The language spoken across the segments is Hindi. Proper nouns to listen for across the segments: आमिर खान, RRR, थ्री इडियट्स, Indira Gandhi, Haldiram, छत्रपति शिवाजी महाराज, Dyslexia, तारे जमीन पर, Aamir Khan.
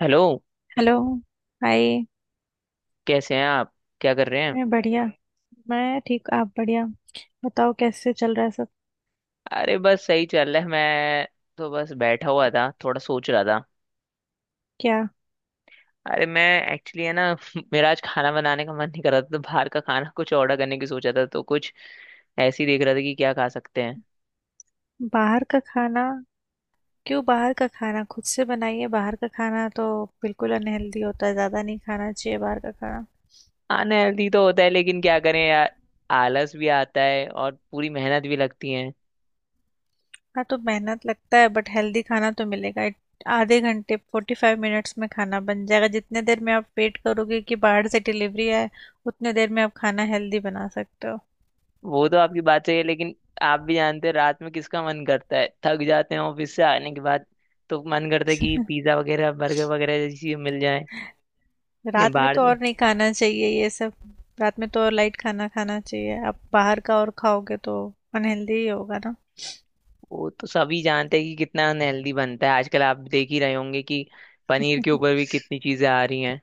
हेलो। हेलो। हाय। कैसे हैं आप? क्या कर रहे हैं? मैं बढ़िया। मैं ठीक। आप? बढ़िया बताओ कैसे चल रहा है सब। अरे बस सही चल रहा है। मैं तो बस बैठा हुआ था, थोड़ा सोच रहा था। क्या? अरे मैं एक्चुअली, है ना, मेरा आज खाना बनाने का मन नहीं कर रहा था तो बाहर का खाना कुछ ऑर्डर करने की सोचा था, तो कुछ ऐसे ही देख रहा था कि क्या खा सकते हैं। बाहर का खाना? क्यों बाहर का खाना, खुद से बनाइए। बाहर का खाना तो बिल्कुल अनहेल्दी होता है, ज़्यादा नहीं खाना चाहिए बाहर का खाना। अनहेल्दी तो होता है, लेकिन क्या करें यार। आलस भी आता है और पूरी मेहनत भी लगती है। हाँ, तो मेहनत लगता है बट हेल्दी खाना तो मिलेगा। आधे घंटे, 45 मिनट्स में खाना बन जाएगा। जितने देर में आप वेट करोगे कि बाहर से डिलीवरी आए, उतने देर में आप खाना हेल्दी बना सकते हो। वो तो आपकी बात सही है, लेकिन आप भी जानते हैं, रात में किसका मन करता है? थक जाते हैं ऑफिस से आने के बाद, तो मन करता है कि पिज्ज़ा वगैरह बर्गर वगैरह जैसी चीजें मिल जाए। ये रात में बाहर। तो और नहीं खाना चाहिए ये सब। रात में तो और लाइट खाना खाना चाहिए, आप बाहर का और खाओगे तो अनहेल्दी ही होगा ना। वो तो सभी जानते हैं कि कितना अनहेल्दी बनता है। आजकल आप देख ही रहे होंगे कि पनीर के ऊपर भी कितनी चीजें आ रही हैं।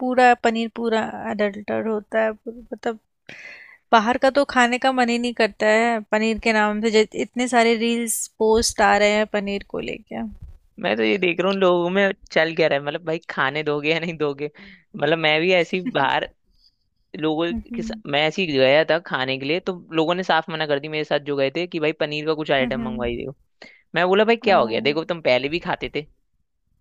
पूरा पनीर, पूरा अडल्टर होता है। मतलब बाहर का तो खाने का मन ही नहीं करता है। पनीर के नाम से इतने सारे रील्स पोस्ट आ रहे हैं पनीर को लेके। मैं तो ये देख रहा हूँ लोगों में चल क्या रहा है। मतलब भाई, खाने दोगे या नहीं दोगे? मतलब मैं भी ऐसी बाहर, लोगों हम्म। मैं ऐसी गया था खाने के लिए, तो लोगों ने साफ मना कर दी, मेरे साथ जो गए थे, कि भाई पनीर का कुछ हम्म। आइटम हम्म। मंगवाइए। मैं बोला भाई क्या हो गया? हम्म। देखो तुम पहले भी खाते थे,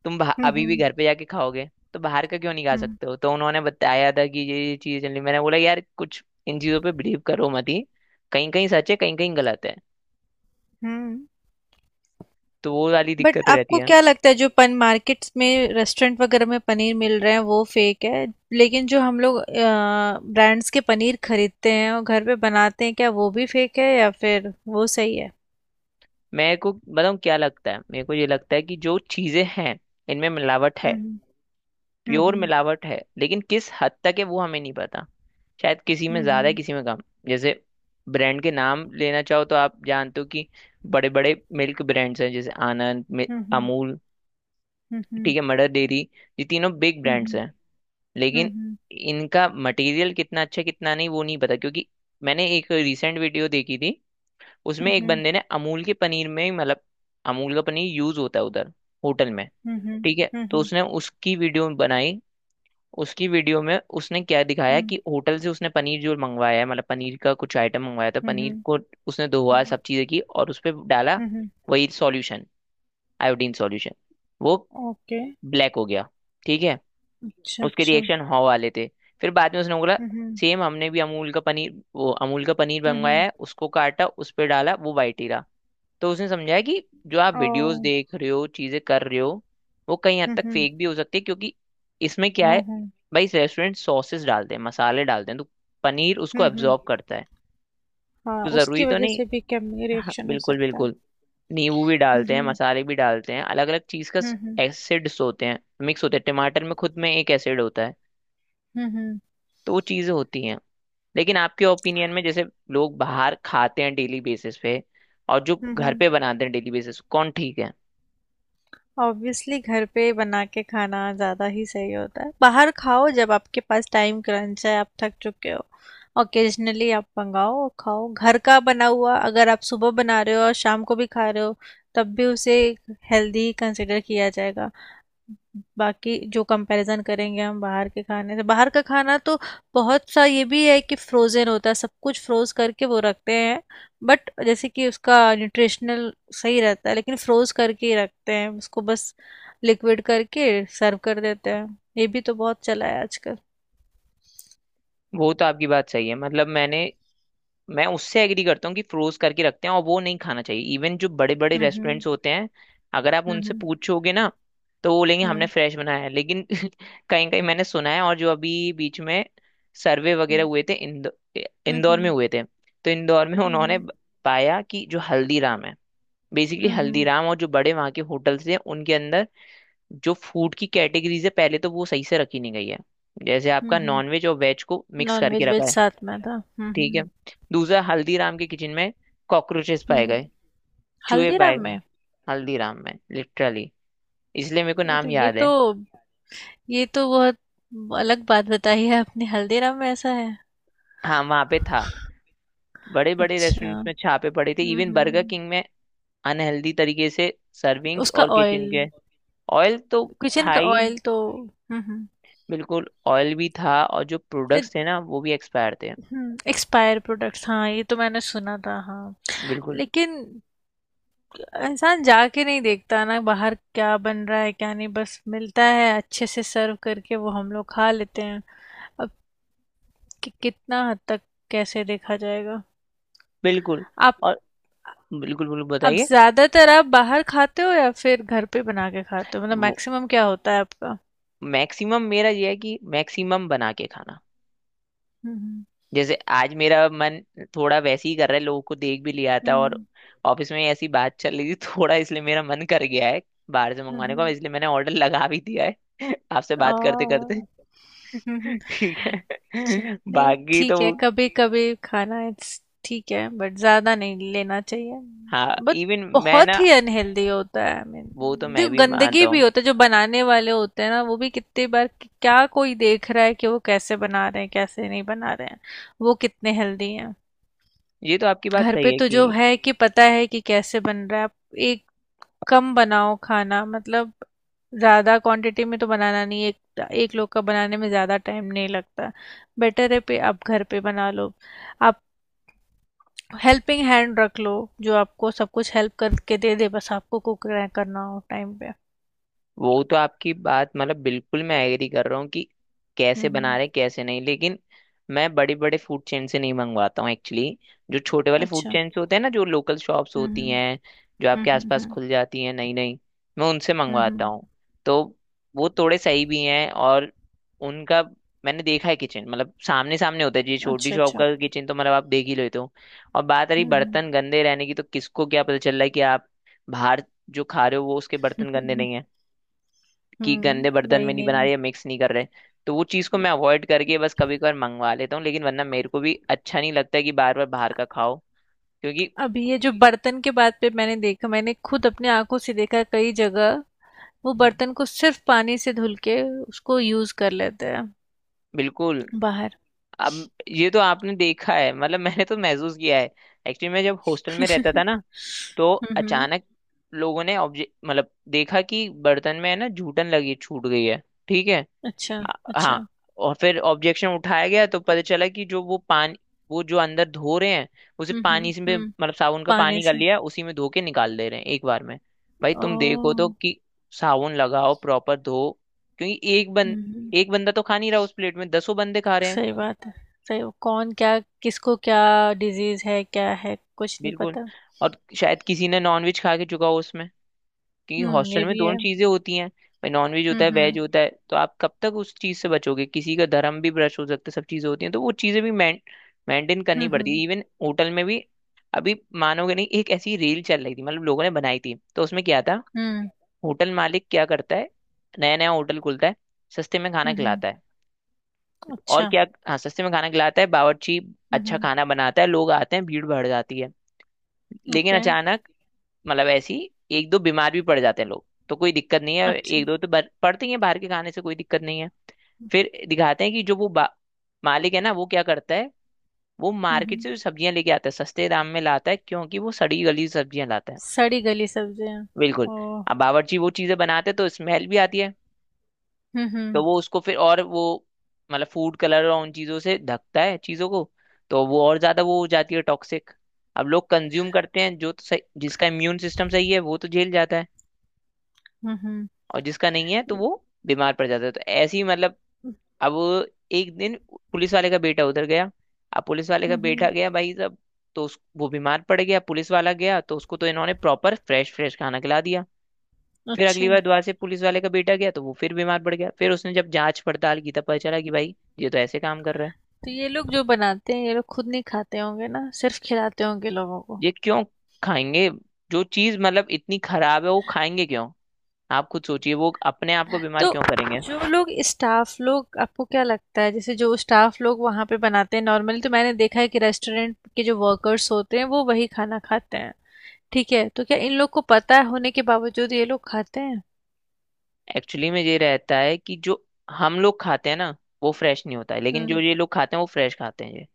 हम्म। अभी भी हम्म। घर पे जाके खाओगे। तो बाहर का क्यों नहीं खा हम्म, सकते हो? तो उन्होंने बताया था कि ये चीजें चल रही। मैंने बोला यार कुछ इन चीजों पे बिलीव करो मत ही। कहीं कहीं सच है, कहीं कहीं गलत है। हम्म। तो वो वाली बट दिक्कत रहती आपको है। क्या लगता है जो पन मार्केट्स में, रेस्टोरेंट वगैरह में पनीर मिल रहे हैं वो फेक है? लेकिन जो हम लोग ब्रांड्स के पनीर खरीदते हैं और घर पे बनाते हैं, क्या वो भी फेक है या फिर वो सही है? मेरे को बताऊँ क्या लगता है? मेरे को ये लगता है कि जो चीजें हैं, इनमें मिलावट है। हम्म। प्योर हम्म। मिलावट है, लेकिन किस हद तक है वो हमें नहीं पता। शायद किसी में ज्यादा है, हम्म। किसी में कम। जैसे ब्रांड के नाम लेना चाहो तो आप जानते हो कि बड़े बड़े मिल्क ब्रांड्स हैं। जैसे हम्म। हम्म। अमूल, हम्म। ठीक है, मदर डेयरी, ये तीनों बिग ब्रांड्स हम्म। हैं। लेकिन हम्म। इनका मटेरियल कितना अच्छा है, कितना नहीं, वो नहीं पता, क्योंकि मैंने एक रिसेंट वीडियो देखी थी। उसमें एक हम्म। बंदे ने अमूल के पनीर में ही, मतलब अमूल का पनीर यूज होता है उधर होटल में, हम्म। ठीक है। तो उसने उसकी वीडियो बनाई। उसकी वीडियो में उसने क्या दिखाया कि होटल से उसने पनीर जो मंगवाया है, मतलब पनीर का कुछ आइटम मंगवाया था, पनीर हम्म। को उसने धोया सब चीजें की और उस पर डाला हम्म। वही सॉल्यूशन, आयोडीन सॉल्यूशन। वो ओके। ब्लैक हो गया, ठीक है। अच्छा, उसके अच्छा। रिएक्शन हॉ वाले थे। फिर बाद में उसने बोला हम्म। सेम हमने भी अमूल का पनीर वो अमूल का पनीर मंगवाया हम्म। है, उसको काटा, उस पर डाला, वो वाइट ही रहा। तो उसने समझाया कि जो आप ओ। वीडियोस देख रहे हो, चीजें कर रहे हो, वो कहीं हद हम्म। तक हम्म। फेक भी हो सकती है, क्योंकि इसमें क्या है भाई, रेस्टोरेंट सॉसेस डालते हैं, मसाले डालते हैं, तो पनीर उसको हम्म। एब्जॉर्ब करता है। हाँ, तो जरूरी उसकी तो वजह नहीं। से भी केमिकल हाँ, रिएक्शन हो बिल्कुल सकता है। बिल्कुल, नींबू भी डालते हैं, हम्म। मसाले भी डालते हैं, अलग अलग चीज का हम्म। एसिड्स होते हैं, मिक्स होते हैं, टमाटर में खुद में एक एसिड होता है। हम्म। तो वो चीजें होती हैं। लेकिन आपके ओपिनियन में, जैसे लोग बाहर खाते हैं डेली बेसिस पे, और जो घर हम्म। पे बनाते हैं डेली बेसिस, कौन ठीक है? ऑब्वियसली घर पे बना के खाना ज़्यादा ही सही होता है। बाहर खाओ जब आपके पास टाइम क्रंच है, आप थक चुके हो। ओकेजनली आप मंगाओ और खाओ। घर का बना हुआ अगर आप सुबह बना रहे हो और शाम को भी खा रहे हो, तब भी उसे हेल्दी कंसिडर किया जाएगा। बाकी जो कंपैरिजन करेंगे हम बाहर के खाने से, बाहर का खाना तो बहुत सा ये भी है कि फ्रोजन होता है, सब कुछ फ्रोज करके वो रखते हैं। बट जैसे कि उसका न्यूट्रिशनल सही रहता है, लेकिन फ्रोज करके ही रखते हैं उसको, बस लिक्विड करके सर्व कर देते हैं। ये भी तो बहुत चला है आजकल। वो तो आपकी बात सही है, मतलब मैं उससे एग्री करता हूँ कि फ्रोज करके रखते हैं और वो नहीं खाना चाहिए, इवन जो बड़े बड़े हम्म। रेस्टोरेंट्स होते हैं। अगर आप उनसे हम्म। पूछोगे ना, तो वो बोलेंगे हमने हम्म। फ्रेश बनाया है, लेकिन कहीं कहीं मैंने सुना है, और जो अभी बीच में सर्वे वगैरह हम्म। हुए थे, इंदौर में हम्म। हुए थे। तो इंदौर में उन्होंने हम्म। पाया कि जो हल्दीराम है, बेसिकली हम्म। हल्दीराम और जो बड़े वहाँ के होटल्स हैं, उनके अंदर जो फूड की कैटेगरीज है, पहले तो वो सही से रखी नहीं गई है। जैसे हम्म। आपका हम्म। नॉनवेज और वेज को मिक्स नॉन करके वेज रखा वेज है, साथ में था। हम्म। ठीक है। हम्म। दूसरा, हल्दीराम के किचन में कॉकरोचेस पाए हम्म। गए, चूहे पाए हल्दीराम गए, में? हल्दीराम में, लिटरली इसलिए मेरे को ये तो नाम ये याद तो है। ये तो बहुत अलग बात बताई है आपने। हल्दीराम में ऐसा है? हाँ वहां पे था। बड़े बड़े अच्छा। रेस्टोरेंट्स में छापे पड़े थे, हम्म। इवन बर्गर हम्म। किंग में, अनहेल्दी तरीके से सर्विंग्स उसका और ऑयल। किचन के। ऑयल तो किचन था का ही, ऑयल तो। हम्म। बिल्कुल ऑयल भी था, और जो प्रोडक्ट्स थे ना वो भी एक्सपायर थे। हम्म। एक्सपायर प्रोडक्ट्स, हाँ, ये तो मैंने सुना था, हाँ। बिल्कुल। लेकिन इंसान जाके नहीं देखता ना बाहर क्या बन रहा है क्या नहीं, बस मिलता है अच्छे से सर्व करके, वो हम लोग खा लेते हैं। अब कि, कितना हद तक कैसे देखा जाएगा। बिल्कुल आप। और बिल्कुल बिल्कुल अब बताइए। ज्यादातर आप बाहर खाते हो या फिर घर पे बना के खाते हो, मतलब मैक्सिमम क्या होता है आपका? मैक्सिमम मेरा ये है कि मैक्सिमम बना के खाना। हम्म। जैसे आज मेरा मन थोड़ा वैसे ही कर रहा है, लोगों को देख भी लिया था और हम्म। ऑफिस में ऐसी बात चल रही थी थोड़ा इसलिए मेरा मन कर गया है बाहर से मंगवाने का, हम्म। इसलिए मैंने ऑर्डर लगा भी दिया है आपसे बात करते करते। और। हम्म। ठीक अच्छा, है नहीं बाकी तो। ठीक है। कभी कभी खाना ठीक है, बट ज्यादा नहीं लेना चाहिए। हाँ बट इवन मैं बहुत ना। ही अनहेल्दी होता है, आई मीन। वो तो मैं देखो भी मानता गंदगी भी हूँ। होता है, जो बनाने वाले होते हैं ना वो भी कितनी बार क्या कोई देख रहा है कि वो कैसे बना रहे हैं कैसे नहीं बना रहे हैं, वो कितने हेल्दी। ये तो आपकी बात घर सही पे है तो कि जो है कि पता है कि कैसे बन रहा है। आप एक कम बनाओ खाना, मतलब ज़्यादा क्वांटिटी में तो बनाना नहीं, एक एक लोग का बनाने में ज़्यादा टाइम नहीं लगता। बेटर है पे आप घर पे बना लो। आप हेल्पिंग हैंड रख लो, जो आपको सब कुछ हेल्प करके दे दे, बस आपको कुक करना हो टाइम पे। वो तो आपकी बात, मतलब बिल्कुल मैं एग्री कर रहा हूँ कि हम्म। कैसे बना हम्म। रहे, कैसे नहीं, लेकिन मैं बड़े बड़े फूड चेन से नहीं मंगवाता हूँ एक्चुअली। जो छोटे वाले फूड अच्छा। चेन होते हैं ना, जो लोकल शॉप्स हम्म। होती हैं, जो हम्म। आपके हम्म। आसपास हम्म। खुल जाती हैं नई नई, मैं उनसे हम्म। मंगवाता हूँ। तो वो थोड़े सही भी हैं, और उनका मैंने देखा है किचन, मतलब सामने सामने होता है जी, छोटी अच्छा, शॉप अच्छा। का किचन तो मतलब आप देख ही लेते हो। और बात रही हम्म। बर्तन गंदे रहने की, तो किसको क्या पता चल रहा है कि आप बाहर जो खा रहे हो वो उसके बर्तन गंदे हम्म। नहीं है, कि गंदे हम्म, बर्तन वही में नहीं बना नहीं। रहे या मिक्स नहीं कर रहे। तो वो चीज़ को मैं अवॉइड करके बस कभी कभार मंगवा लेता हूँ, लेकिन वरना मेरे को भी अच्छा नहीं लगता है कि बार बार बाहर का खाओ, क्योंकि अभी ये जो बर्तन के बात पे मैंने देखा, मैंने खुद अपने आंखों से देखा कई जगह वो बर्तन को सिर्फ पानी से धुल के उसको यूज कर लेते हैं बिल्कुल। बाहर। अब ये तो आपने देखा है, मतलब मैंने तो महसूस किया है। एक्चुअली मैं जब हॉस्टल में रहता था ना, तो हम्म। अचानक लोगों ने ऑब्जेक्ट, मतलब देखा कि बर्तन में है ना जूठन लगी छूट गई है, ठीक है। अच्छा, आ- अच्छा। हाँ, और फिर ऑब्जेक्शन उठाया गया तो पता चला कि जो वो पानी, वो जो अंदर धो रहे हैं उसे हम्म। हम्म। पानी से मतलब साबुन का पानी पानी कर से। लिया, उसी में धो के निकाल दे रहे हैं एक बार में। भाई तुम देखो तो ओ। कि साबुन लगाओ प्रॉपर धो, क्योंकि हम्म। एक बंदा तो खा नहीं रहा उस प्लेट में, दसों बंदे खा रहे हैं। सही बात है। सही कौन क्या किसको क्या डिजीज है क्या है कुछ नहीं बिल्कुल। पता। और शायद किसी ने नॉनवेज खा के चुका हो उसमें, क्योंकि हम्म, ये हॉस्टल में भी दोनों है। चीजें होती हैं भाई, नॉनवेज होता हम्म। है हम्म। वेज होता है, तो आप कब तक उस चीज से बचोगे? किसी का धर्म भी ब्रश हो सकता है, सब चीजें होती हैं, तो वो चीजें भी मेंटेन करनी पड़ती हम्म। है, इवन होटल में भी। अभी मानोगे नहीं, एक ऐसी रील चल रही थी, मतलब लोगों ने बनाई थी, तो उसमें क्या था। हम्म। होटल मालिक क्या करता है, नया नया होटल खुलता है, सस्ते में खाना हम्म। खिलाता है और अच्छा। क्या। हाँ, सस्ते में खाना खिलाता है, बावर्ची हम्म। अच्छा खाना बनाता है, लोग आते हैं, भीड़ बढ़ जाती है। लेकिन ओके, अचानक, मतलब ऐसी एक दो बीमार भी पड़ जाते हैं लोग, तो कोई दिक्कत नहीं है, अच्छा। एक दो तो पड़ते ही हैं बाहर के खाने से, कोई दिक्कत नहीं है। फिर दिखाते हैं कि जो वो मालिक है ना, वो क्या करता है, वो हम्म। मार्केट हम्म। से जो सब्जियां लेके आता है, सस्ते दाम में लाता है, क्योंकि वो सड़ी गली सब्जियां लाता है। सड़ी गली सब्जियाँ। बिल्कुल। ओह! अब बावर्ची वो चीजें बनाते हैं तो स्मेल भी आती है, हुँ, तो हुँ। वो उसको फिर, और वो मतलब फूड कलर और उन चीजों से ढकता है चीजों को, तो वो और ज्यादा वो हो जाती है टॉक्सिक। अब लोग कंज्यूम करते हैं, जो तो सही, जिसका इम्यून सिस्टम सही है वो तो झेल जाता है, हुँ, हुँ। और जिसका नहीं है तो वो बीमार पड़ जाता है, तो ऐसे ही मतलब। अब एक दिन पुलिस वाले का बेटा उधर गया। अब पुलिस वाले का हुँ, बेटा हुँ। गया भाई साहब, तो उस वो बीमार पड़ गया, पुलिस वाला गया तो उसको तो इन्होंने प्रॉपर फ्रेश फ्रेश खाना खिला दिया। फिर अगली अच्छा, बार दोबारा से पुलिस वाले का बेटा गया तो वो फिर बीमार पड़ गया। फिर उसने जब जांच पड़ताल की तब पता चला कि भाई ये तो ऐसे काम कर रहा है। तो ये लोग जो बनाते हैं, ये लोग खुद नहीं खाते होंगे ना, सिर्फ़ खिलाते होंगे लोगों को। ये क्यों खाएंगे? जो चीज मतलब इतनी खराब है, वो खाएंगे क्यों? आप खुद सोचिए, वो अपने आप को बीमार तो क्यों करेंगे? जो लोग स्टाफ़ लोग आपको क्या लगता है, जैसे जो स्टाफ़ लोग वहाँ पे बनाते हैं, नॉर्मली तो मैंने देखा है कि रेस्टोरेंट के जो वर्कर्स होते हैं, वो वही खाना खाते हैं। ठीक है, तो क्या इन लोग को पता है होने के बावजूद ये लोग खाते हैं? एक्चुअली में ये रहता है कि जो हम लोग खाते हैं ना, वो फ्रेश नहीं होता है, लेकिन जो हुँ, ये लोग खाते हैं वो फ्रेश खाते हैं, ये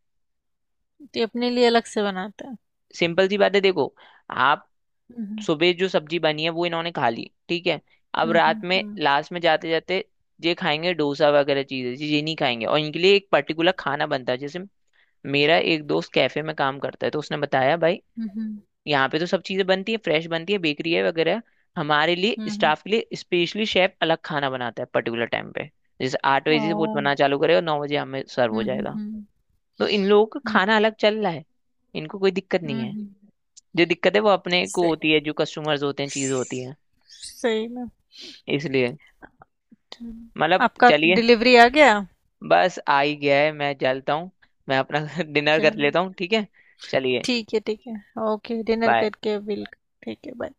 तो ये अपने लिए अलग से बनाते हैं। सिंपल सी बात है देखो। आप हुँ, हुँ। सुबह जो सब्जी बनी है वो इन्होंने खा ली, ठीक है, अब हुँ, रात हुँ, में हुँ। लास्ट में जाते जाते ये खाएंगे, डोसा वगैरह चीजें ये नहीं खाएंगे, और इनके लिए एक पर्टिकुलर खाना बनता है। जैसे मेरा एक दोस्त कैफे में काम करता है तो उसने बताया भाई, हुँ, हुँ। यहाँ पे तो सब चीजें बनती है, फ्रेश बनती है, बेकरी है वगैरह। हमारे लिए, हुँ, हुँ। स्टाफ के लिए, स्पेशली शेफ अलग खाना बनाता है पर्टिकुलर टाइम पे, जैसे 8 बजे से वो ओह! बनाना चालू करेगा, 9 बजे हमें सर्व हो हुँ, हुँ, जाएगा। हुँ। तो इन लोगों का हुँ, खाना अलग चल रहा है, इनको कोई दिक्कत नहीं हुँ, है, हुँ। जो दिक्कत है वो अपने को सही। होती है, जो कस्टमर्स होते हैं चीज होती है, सही में। इसलिए चलो। मतलब आपका चलिए। डिलीवरी आ गया। बस आ ही गया है, मैं चलता हूँ, मैं अपना डिनर कर चलो, लेता हूँ, ठीक है, चलिए, ठीक है, ठीक है। Okay dinner bye. करके बिल। ठीक है, बाय।